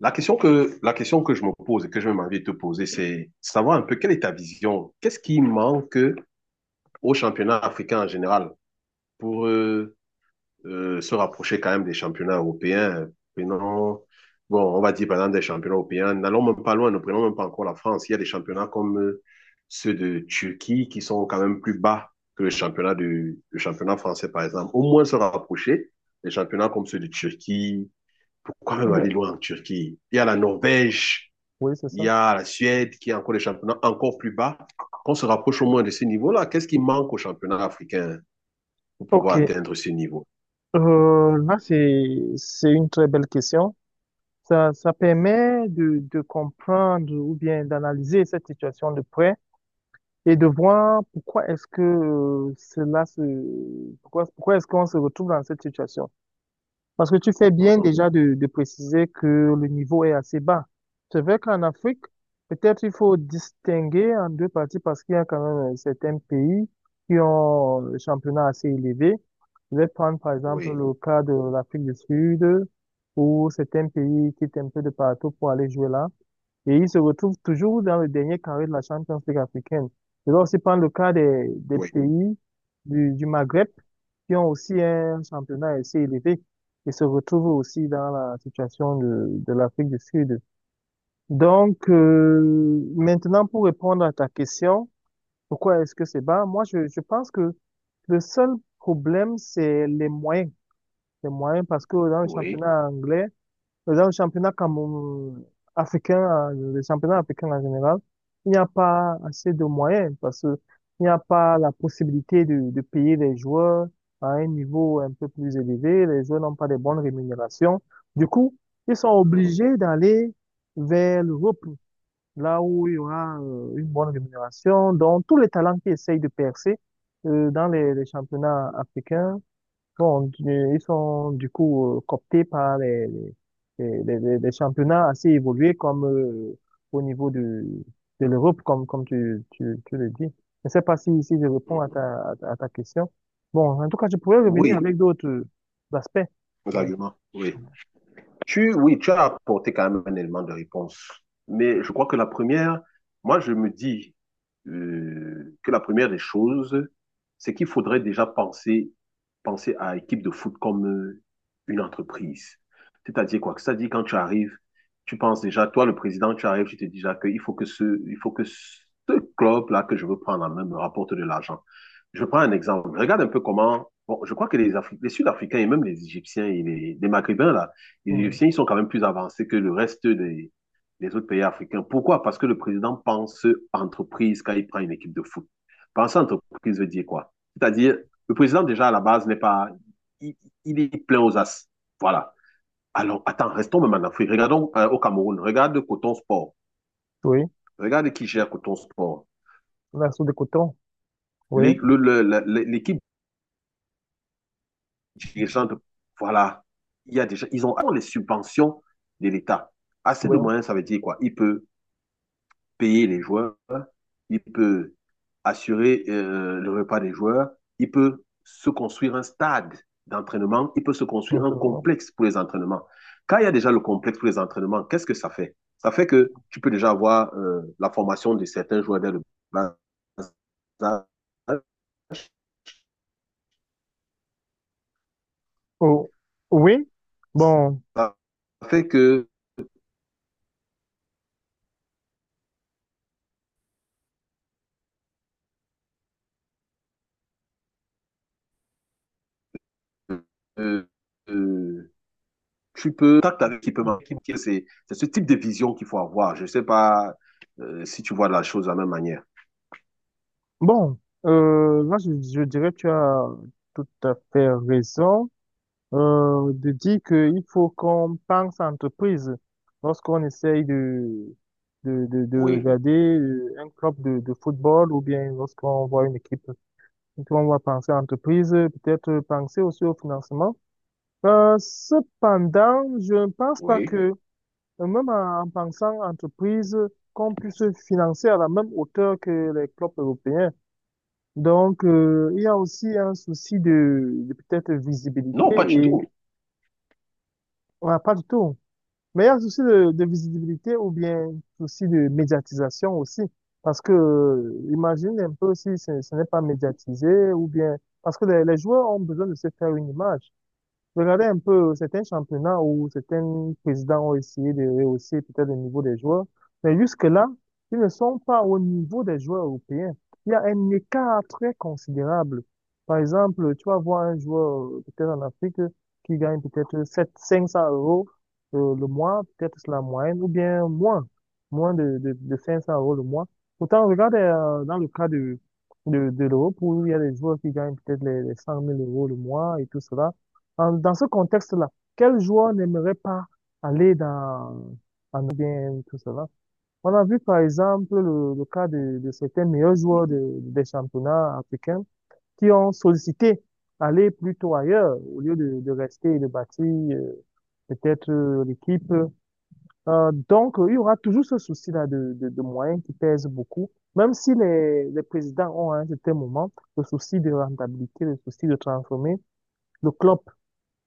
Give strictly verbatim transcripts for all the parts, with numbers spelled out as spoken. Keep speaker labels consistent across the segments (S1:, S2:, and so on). S1: La question que, la question que je me pose et que je m'envie de te poser, c'est savoir un peu quelle est ta vision. Qu'est-ce qui manque au championnat africain en général pour euh, euh, se rapprocher quand même des championnats européens? Prenons, bon, on va dire par exemple des championnats européens. N'allons même pas loin, ne prenons même pas encore la France. Il y a des championnats comme euh, ceux de Turquie qui sont quand même plus bas que le championnat, du, le championnat français, par exemple. Au moins se rapprocher des championnats comme ceux de Turquie. Pourquoi
S2: Ou
S1: même aller
S2: bien-
S1: loin en Turquie? Il y a la Norvège.
S2: Oui, c'est
S1: Il
S2: ça.
S1: y a la Suède qui a encore des championnats encore plus bas. Qu'on se rapproche au moins de ce niveau-là, qu'est-ce qui manque au championnat africain pour pouvoir
S2: OK.
S1: atteindre ce niveau?
S2: Euh, là, c'est, c'est une très belle question. Ça, ça permet de, de comprendre ou bien d'analyser cette situation de près et de voir pourquoi est-ce que euh, cela se, pourquoi, pourquoi est-ce qu'on se retrouve dans cette situation. Parce que tu fais bien
S1: Mhm.
S2: déjà de, de préciser que le niveau est assez bas. C'est vrai qu'en Afrique, peut-être il faut distinguer en deux parties parce qu'il y a quand même euh, certains pays qui ont le championnat assez élevé. Je vais prendre par exemple
S1: Oui,
S2: le cas de l'Afrique du Sud où certains pays quittent un peu de partout pour aller jouer là. Et ils se retrouvent toujours dans le dernier carré de la Champions League africaine. Je dois aussi prendre le cas des, des
S1: oui,
S2: pays du, du Maghreb qui ont aussi un championnat assez élevé et se retrouvent aussi dans la situation de, de l'Afrique du Sud. Donc, euh, maintenant, pour répondre à ta question, pourquoi est-ce que c'est bas? Moi, je, je pense que le seul problème, c'est les moyens. Les moyens, parce que dans le
S1: oui.
S2: championnat anglais, par exemple, le championnat Cameroun africain, euh, le championnat africain en général, il n'y a pas assez de moyens parce que il n'y a pas la possibilité de, de payer les joueurs à un niveau un peu plus élevé. Les joueurs n'ont pas de bonnes rémunérations. Du coup, ils sont
S1: Mhm.
S2: obligés d'aller vers l'Europe, là où il y aura euh, une bonne rémunération. Donc, tous les talents qui essayent de percer euh, dans les, les championnats africains. Bon, euh, ils sont du coup euh, cooptés par les, les, les, les- les- les championnats assez évolués comme euh, au niveau de, de l'Europe, comme, comme tu, tu, tu le dis. Je ne sais pas si, si je réponds à
S1: Mhm.
S2: ta, à ta à ta question. Bon, en tout cas, je pourrais revenir
S1: Oui,
S2: avec d'autres euh, aspects.
S1: vos
S2: Ouais.
S1: arguments, oui. Tu, oui, tu as apporté quand même un élément de réponse. Mais je crois que la première, moi, je me dis euh, que la première des choses, c'est qu'il faudrait déjà penser, penser à équipe de foot comme euh, une entreprise. C'est-à-dire quoi? C'est-à-dire quand tu arrives, tu penses déjà, toi, le président, tu arrives, tu te dis déjà qu'il faut que ce, il faut que ce club-là que je veux prendre en main me rapporte de l'argent. Je prends un exemple. Regarde un peu comment, bon, je crois que les, Afri- les Sud-Africains et même les Égyptiens et les, les Maghrébins, là, les
S2: Mm.
S1: Égyptiens, ils sont quand même plus avancés que le reste des, des autres pays africains. Pourquoi? Parce que le président pense entreprise quand il prend une équipe de foot. Penser entreprise veut dire quoi? C'est-à-dire, le président, déjà, à la base, n'est pas. Il, il, est plein aux as. Voilà. Alors, attends, restons même en Afrique. Regardons euh, au Cameroun. Regarde Coton Sport.
S2: Oui,
S1: Regarde qui gère Coton Sport.
S2: la soupe de coton. Oui,
S1: L'équipe dirigeante, voilà. Il y a déjà, ils ont, les subventions de l'État. Assez de
S2: oui,
S1: moyens, ça veut dire quoi? Il peut payer les joueurs, il peut assurer euh, le repas des joueurs, il peut se construire un stade d'entraînement, il peut se construire un
S2: absolument.
S1: complexe pour les entraînements. Quand il y a déjà le complexe pour les entraînements, qu'est-ce que ça fait? Ça fait que tu peux déjà avoir euh, la formation de certains joueurs dès le bas. Ça
S2: Oh, oui, bon.
S1: fait que euh, euh, tu peux tact avec l'équipe. C'est ce type de vision qu'il faut avoir. Je ne sais pas euh, si tu vois la chose de la même manière.
S2: Bon, euh, là, je, je dirais que tu as tout à fait raison euh, de dire qu'il faut qu'on pense entreprise lorsqu'on essaye de, de, de, de
S1: Oui,
S2: regarder euh, un club de, de football ou bien lorsqu'on voit une équipe. Donc, on va penser entreprise, peut-être penser aussi au financement. Euh, cependant, je ne pense pas que,
S1: oui.
S2: euh, même en, en pensant entreprise, qu'on puisse financer à la même hauteur que les clubs européens. Donc, euh, il y a aussi un souci de, de peut-être visibilité
S1: Non, pas du
S2: et
S1: tout.
S2: on n'a pas du tout. Mais il y a un souci de, de visibilité ou bien souci de médiatisation aussi. Parce que, euh, imagine un peu si ce, ce n'est pas médiatisé ou bien, parce que les, les joueurs ont besoin de se faire une image. Je regardais un peu certains championnats où certains présidents ont essayé de rehausser peut-être le niveau des joueurs, mais jusque-là, ils ne sont pas au niveau des joueurs européens. Il y a un écart très considérable. Par exemple, tu vas voir un joueur euh, peut-être en Afrique qui gagne peut-être sept cinq cents euros euh, le mois, peut-être c'est la moyenne, ou bien moins, moins de, de, de cinq cents euros le mois. Pourtant, regarde euh, dans le cas de, de, de l'Europe où il y a des joueurs qui gagnent peut-être les, les 100 000 euros le mois et tout cela. En- dans ce contexte-là, quel joueur n'aimerait pas aller dans, en bien tout cela? On a vu par exemple le, le cas de, de certains meilleurs joueurs de- des championnats africains qui ont sollicité aller plutôt ailleurs au lieu de, de rester et de bâtir euh, peut-être euh, l'équipe. Euh, donc, euh, il y aura toujours ce souci-là de, de, de moyens qui pèse beaucoup, même si les, les présidents ont à un certain moment le souci de rentabilité, le souci de transformer le club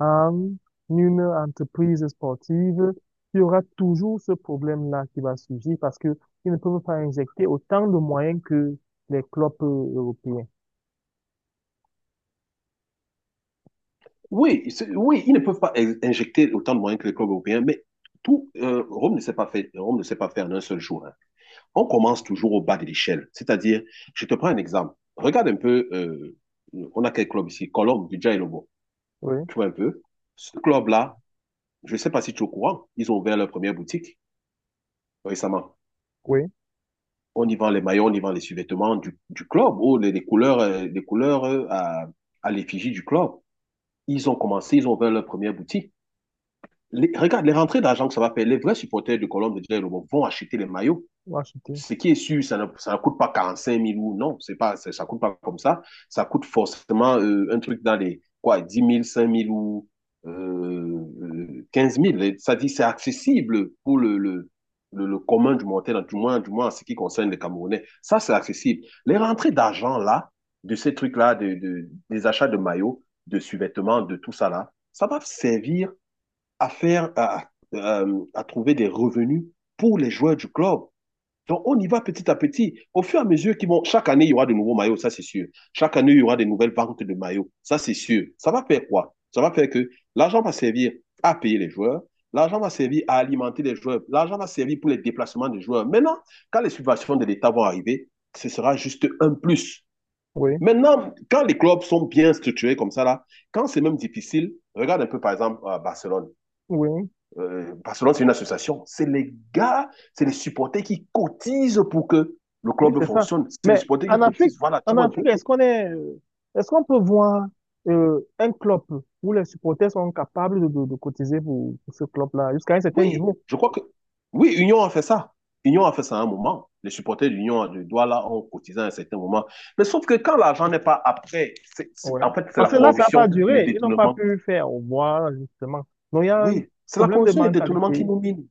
S2: en une entreprise sportive, il y aura toujours ce problème-là qui va surgir parce que ils ne peuvent pas injecter autant de moyens que les clubs euh, européens.
S1: Oui, c'est- oui, ils ne peuvent pas in- injecter autant de moyens que les clubs européens, mais tout, euh, Rome ne sait pas faire, Rome ne sait pas faire en un seul jour, hein. On commence toujours au bas de l'échelle. C'est-à-dire, je te prends un exemple. Regarde un peu, euh, on a quel club ici? Colombe, du Lobo.
S2: Oui,
S1: Tu vois un peu? Ce club-là, je ne sais pas si tu es au courant, ils ont ouvert leur première boutique récemment.
S2: oui,
S1: On y vend les maillots, on y vend les sous-vêtements du, du club, ou les, les couleurs, euh, les couleurs euh, à, à l'effigie du club. Ils ont commencé, ils ont ouvert leur première boutique. les- regarde, les rentrées d'argent que ça va faire, les vrais supporters de Colombe de Diallo vont acheter les maillots.
S2: acheter.
S1: Ce qui est sûr, ça ne, ça ne coûte pas quarante-cinq mille ou non, c'est pas, ça ne coûte pas comme ça. Ça coûte forcément euh, un truc dans les quoi, dix mille, cinq mille ou euh, euh, quinze. Et ça dit, c'est accessible pour le, le, le, le commun du montagne, du moins, du moins en ce qui concerne les Camerounais. Ça, c'est accessible. Les rentrées d'argent là, de ces trucs-là, de, de- des achats de maillots, de sous-vêtements, de tout ça là, ça va servir à faire, à, euh, à trouver des revenus pour les joueurs du club. Donc, on y va petit à petit. Au fur et à mesure qu'ils vont, chaque année, il y aura de nouveaux maillots, ça c'est sûr. Chaque année, il y aura de nouvelles ventes de maillots, ça c'est sûr. Ça va faire quoi? Ça va faire que l'argent va servir à payer les joueurs, l'argent va servir à alimenter les joueurs, l'argent va servir pour les déplacements des joueurs. Maintenant, quand les subventions de l'État vont arriver, ce sera juste un plus.
S2: Oui,
S1: Maintenant, quand les clubs sont bien structurés comme ça, là, quand c'est même difficile, regarde un peu par exemple à Barcelone.
S2: oui.
S1: Euh, Barcelone, c'est une association. C'est les gars, c'est les supporters qui cotisent pour que le
S2: Oui,
S1: club
S2: c'est ça.
S1: fonctionne. C'est les
S2: Mais
S1: supporters qui
S2: en Afrique,
S1: cotisent. Voilà, tu
S2: en
S1: vois un
S2: Afrique,
S1: peu.
S2: est-ce qu'on est, euh, est-ce qu'on peut voir euh, un club où les supporters sont capables de, de, de cotiser pour, pour ce club-là jusqu'à un certain
S1: Oui,
S2: niveau?
S1: je crois que. Oui, Union a fait ça. Union a fait ça à un moment. Les supporters d'Union de Douala ont cotisé à un certain moment. Mais sauf que quand l'argent n'est pas après, c est,
S2: Ouais.
S1: en fait, c'est
S2: Parce
S1: la
S2: que là, ça n'a pas
S1: corruption et les
S2: duré. Ils n'ont pas
S1: détournements.
S2: pu faire au revoir, justement. Donc, il y a un
S1: Oui, c'est la
S2: problème de
S1: corruption et les détournements qui
S2: mentalité
S1: nous minent.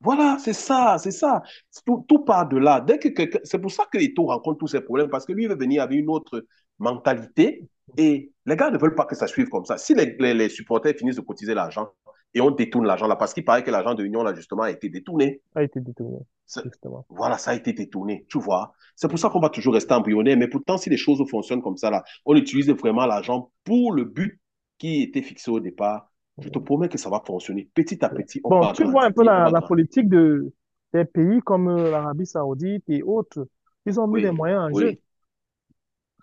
S1: Voilà, c'est ça, c'est ça. Tout, tout part de là. Dès que quelqu'un- c'est pour ça que Eto'o rencontre tous ces problèmes, parce que lui il veut venir avec une autre mentalité et les gars ne veulent pas que ça suive comme ça. Si les, les- les supporters finissent de cotiser l'argent et on détourne l'argent là, parce qu'il paraît que l'argent de l'Union là justement a été détourné.
S2: qui a été détourné, justement.
S1: Voilà, ça a été détourné, tu vois. C'est pour
S2: Oui,
S1: ça qu'on va toujours rester embryonnaire, mais pourtant si les choses fonctionnent comme ça là, on utilise vraiment l'argent pour le but qui était fixé au départ. Je te
S2: oui,
S1: promets que ça va fonctionner. Petit à
S2: oui.
S1: petit, on
S2: Bon,
S1: va
S2: tu vois un peu
S1: grandir, on
S2: la,
S1: va
S2: la
S1: grandir.
S2: politique de, des pays comme euh, l'Arabie Saoudite et autres. Ils ont mis des
S1: Oui,
S2: moyens en jeu.
S1: oui,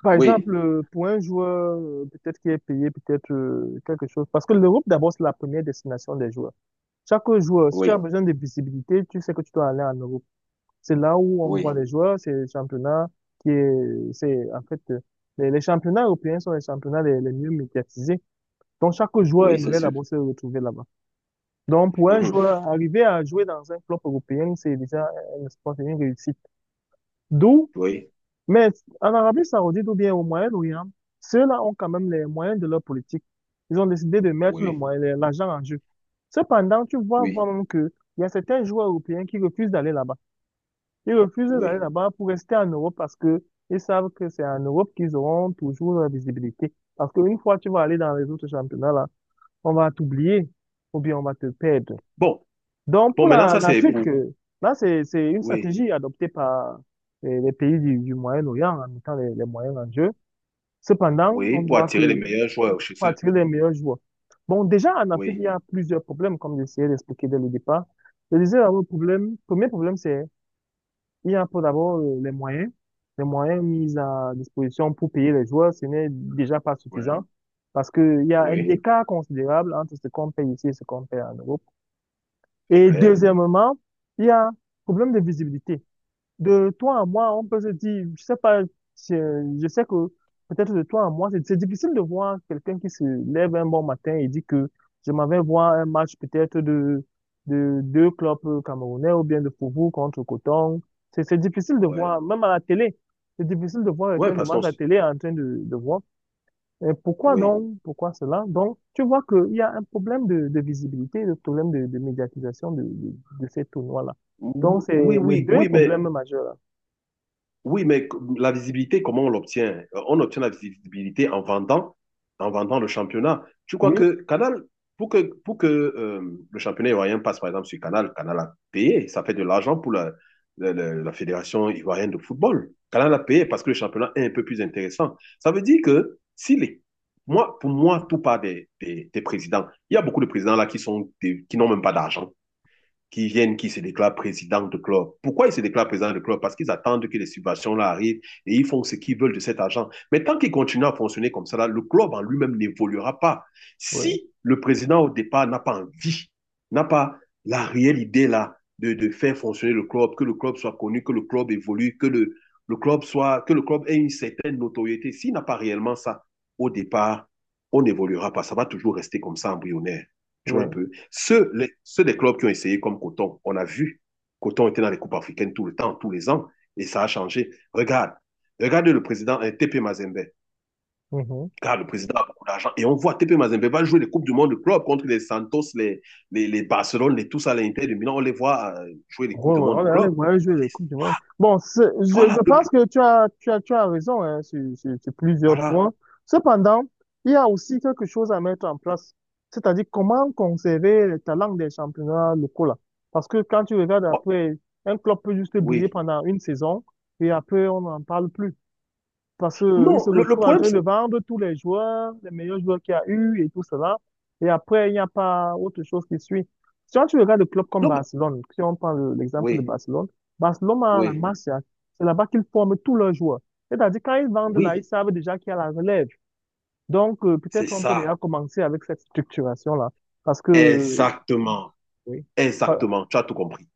S2: Par
S1: oui,
S2: exemple, euh, pour un joueur, euh, peut-être qui est payé, peut-être euh, quelque chose. Parce que l'Europe, d'abord, c'est la première destination des joueurs. Chaque joueur, si tu as
S1: oui,
S2: besoin de visibilité, tu sais que tu dois aller en Europe. C'est là où on voit
S1: oui,
S2: les joueurs, c'est le championnat qui est, c'est, en fait, euh, les, les championnats européens sont les championnats les, les mieux médiatisés. Donc, chaque joueur
S1: oui, c'est
S2: aimerait
S1: sûr.
S2: d'abord se retrouver là-bas. Donc, pour un
S1: Mhm.
S2: joueur, arriver à jouer dans un club européen, c'est déjà un espoir, c'est une réussite. D'où
S1: Oui,
S2: Mais en Arabie Saoudite ou bien au Moyen-Orient, ceux-là ont quand même les moyens de leur politique. Ils ont décidé de mettre le
S1: oui,
S2: moyen, l'argent en jeu. Cependant, tu vois
S1: oui,
S2: vraiment qu'il y a certains joueurs européens qui refusent d'aller là-bas. Ils refusent d'aller
S1: oui.
S2: là-bas pour rester en Europe parce que ils savent que c'est en Europe qu'ils auront toujours la visibilité. Parce qu'une fois que tu vas aller dans les autres championnats, là, on va t'oublier ou bien on va te perdre.
S1: Bon,
S2: Donc,
S1: bon,
S2: pour
S1: maintenant,
S2: la-
S1: ça, c'est
S2: l'Afrique,
S1: pour,
S2: euh, là, c'est, c'est une
S1: oui,
S2: stratégie adoptée par euh, les pays du, du Moyen-Orient en mettant les, les moyens en jeu. Cependant,
S1: oui,
S2: on
S1: pour
S2: voit
S1: attirer les
S2: que
S1: meilleurs joueurs chez
S2: pour
S1: eux.
S2: attirer les
S1: Oui,
S2: meilleurs joueurs. Bon, déjà, en Afrique, il
S1: oui,
S2: y a plusieurs problèmes, comme j'essayais d'expliquer dès le départ. Je disais, d'abord le problème, premier problème, c'est il y a pour d'abord euh, les moyens. Les moyens mis à disposition pour payer les joueurs, ce n'est déjà pas
S1: oui,
S2: suffisant parce qu'il y a un
S1: oui,
S2: écart considérable entre ce qu'on paye ici et ce qu'on paye en Europe.
S1: c'est
S2: Et
S1: clair.
S2: deuxièmement, il y a un problème de visibilité. De toi à moi, on peut se dire, je sais pas, je, je sais que peut-être de toi à moi, c'est c'est difficile de voir quelqu'un qui se lève un bon matin et dit que je m'en vais voir un match peut-être de, de deux clubs camerounais ou bien de Fofo contre Coton. C'est c'est difficile de
S1: Oui,
S2: voir, même à la télé, c'est difficile de voir
S1: oui,
S2: quelqu'un de
S1: parce
S2: match
S1: qu'on,
S2: à la
S1: s-
S2: télé en train de, de voir. Et pourquoi
S1: oui,
S2: donc? Pourquoi cela? Donc, tu vois qu'il y a un problème de, de visibilité, un problème de, de médiatisation de, de, de ces tournois-là. Donc,
S1: Ou- oui,
S2: c'est les
S1: oui,
S2: deux
S1: oui, mais.
S2: problèmes majeurs. Là.
S1: Oui, mais la visibilité, comment on l'obtient? Euh, On obtient la visibilité en vendant, en vendant le championnat. Tu crois
S2: Oui,
S1: que Canal, pour que, pour que euh, le championnat ivoirien passe par exemple sur Canal, Canal a payé, ça fait de l'argent pour la, la, la- la Fédération ivoirienne de football. Canal a payé parce que le championnat est un peu plus intéressant. Ça veut dire que si les, moi, pour moi, tout part des, des, des présidents. Il y a beaucoup de présidents là qui sont des- qui n'ont même pas d'argent qui viennent, qui se déclarent président de club. Pourquoi ils se déclarent président de club? Parce qu'ils attendent que les subventions-là arrivent et ils font ce qu'ils veulent de cet argent. Mais tant qu'ils continuent à fonctionner comme ça, là, le club en lui-même n'évoluera pas.
S2: oui,
S1: Si le président au départ n'a pas envie, n'a pas la réelle idée là de, de, faire fonctionner le club, que le club soit connu, que le club évolue, que le, le club soit, que le club ait une certaine notoriété, s'il n'a pas réellement ça au départ, on n'évoluera pas. Ça va toujours rester comme ça embryonnaire. Tu vois un
S2: oui.
S1: peu. Ceux, les- ceux des clubs qui ont essayé comme Coton, on a vu, Coton était dans les coupes africaines tout le temps, tous les ans, et ça a changé. Regarde, regarde le président euh, T P Mazembe.
S2: Mhm.
S1: Regarde, le président a beaucoup d'argent. Et on voit T P Mazembe va jouer les Coupes du Monde de club contre les Santos, les, les, les Barcelone, les tous à l'Inter de Milan. On les voit euh, jouer les
S2: Ouais,
S1: Coupes du
S2: ouais,
S1: Monde de
S2: on est allé
S1: club.
S2: voir jouer le Coupe du Monde. Bon, c'est- je, je
S1: Voilà, le-
S2: pense que tu as, tu as, tu as raison hein, sur, sur- sur plusieurs
S1: voilà.
S2: points. Cependant, il y a aussi quelque chose à mettre en place, c'est-à-dire comment conserver le talent des championnats locaux là. Parce que quand tu regardes
S1: Oh,
S2: après, un club peut juste briller
S1: oui.
S2: pendant une saison et après on n'en parle plus. Parce qu'il
S1: Non,
S2: se
S1: le, le
S2: retrouve en
S1: problème,
S2: train
S1: c'est-
S2: de vendre tous les joueurs, les meilleurs joueurs qu'il y a eu et tout cela. Et après, il n'y a pas autre chose qui suit. Si on- Tu regardes le club comme
S1: non, mais-
S2: Barcelone, si on prend le- l'exemple de
S1: oui,
S2: Barcelone, Barcelone a la
S1: oui,
S2: Masia. C'est là-bas qu'ils forment tous leurs joueurs. C'est-à-dire, quand ils vendent là, ils
S1: oui,
S2: savent déjà qu'il y a la relève. Donc, euh,
S1: c'est
S2: peut-être on peut
S1: ça.
S2: déjà commencer avec cette structuration-là. Parce que, euh,
S1: Exactement,
S2: oui, pas-
S1: exactement. Tu as tout compris.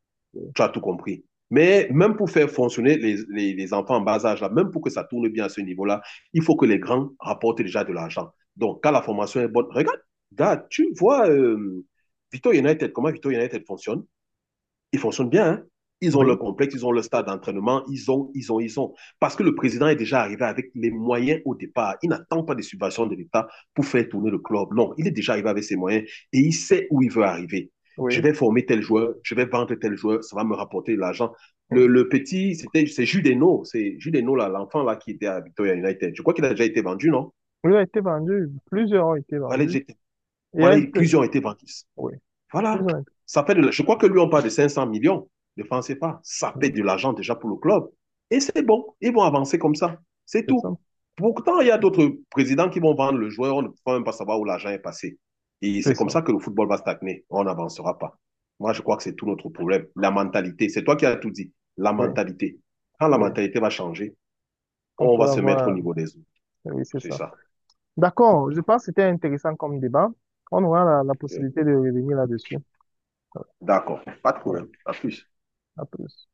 S1: Tu as tout compris. Mais même pour faire fonctionner les, les- les enfants en bas âge, là, même pour que ça tourne bien à ce niveau-là, il faut que les grands rapportent déjà de l'argent. Donc, quand la formation est bonne, regarde, regarde, tu vois euh, Vito United, comment Vito United fonctionne. Ils fonctionnent bien, hein? Ils ont
S2: oui,
S1: leur complexe, ils ont leur stade d'entraînement, ils ont, ils ont, ils ont. Parce que le président est déjà arrivé avec les moyens au départ. Il n'attend pas des subventions de l'État pour faire tourner le club. Non, il est déjà arrivé avec ses moyens et il sait où il veut arriver. Je
S2: oui,
S1: vais former tel joueur, je vais vendre tel joueur, ça va me rapporter de l'argent. Le,
S2: oui.
S1: le, petit, c'était, c'est Judeno, c'est Judeno, l'enfant là, là, qui était à Victoria United. Je crois qu'il a déjà été vendu, non?
S2: Oui, a été vendu. Plusieurs ont été vendus. Et
S1: Voilà,
S2: elle,
S1: plusieurs ont été vendus.
S2: oui,
S1: Voilà.
S2: plusieurs ont été-
S1: Ça fait de la- Je crois que lui, on parle de cinq cents millions de francs C F A. Ça fait
S2: oui,
S1: de l'argent déjà pour le club. Et c'est bon. Ils vont avancer comme ça. C'est
S2: c'est ça.
S1: tout. Pourtant, il y a d'autres présidents qui vont vendre le joueur. On ne peut même pas savoir où l'argent est passé. Et
S2: C'est
S1: c'est comme
S2: ça.
S1: ça que le football va stagner. On n'avancera pas. Moi, je crois que c'est tout notre problème. La mentalité. C'est toi qui as tout dit. La
S2: Oui,
S1: mentalité. Quand la
S2: oui,
S1: mentalité va changer,
S2: qu'on
S1: on va
S2: pourrait
S1: se mettre au
S2: avoir.
S1: niveau des autres.
S2: Oui, c'est
S1: C'est
S2: ça.
S1: ça. C'est
S2: D'accord,
S1: comme
S2: je
S1: ça.
S2: pense que c'était intéressant comme débat. On aura la, la
S1: Ok.
S2: possibilité de revenir là-dessus.
S1: D'accord. Pas de
S2: Voilà,
S1: problème. À plus.
S2: à plus.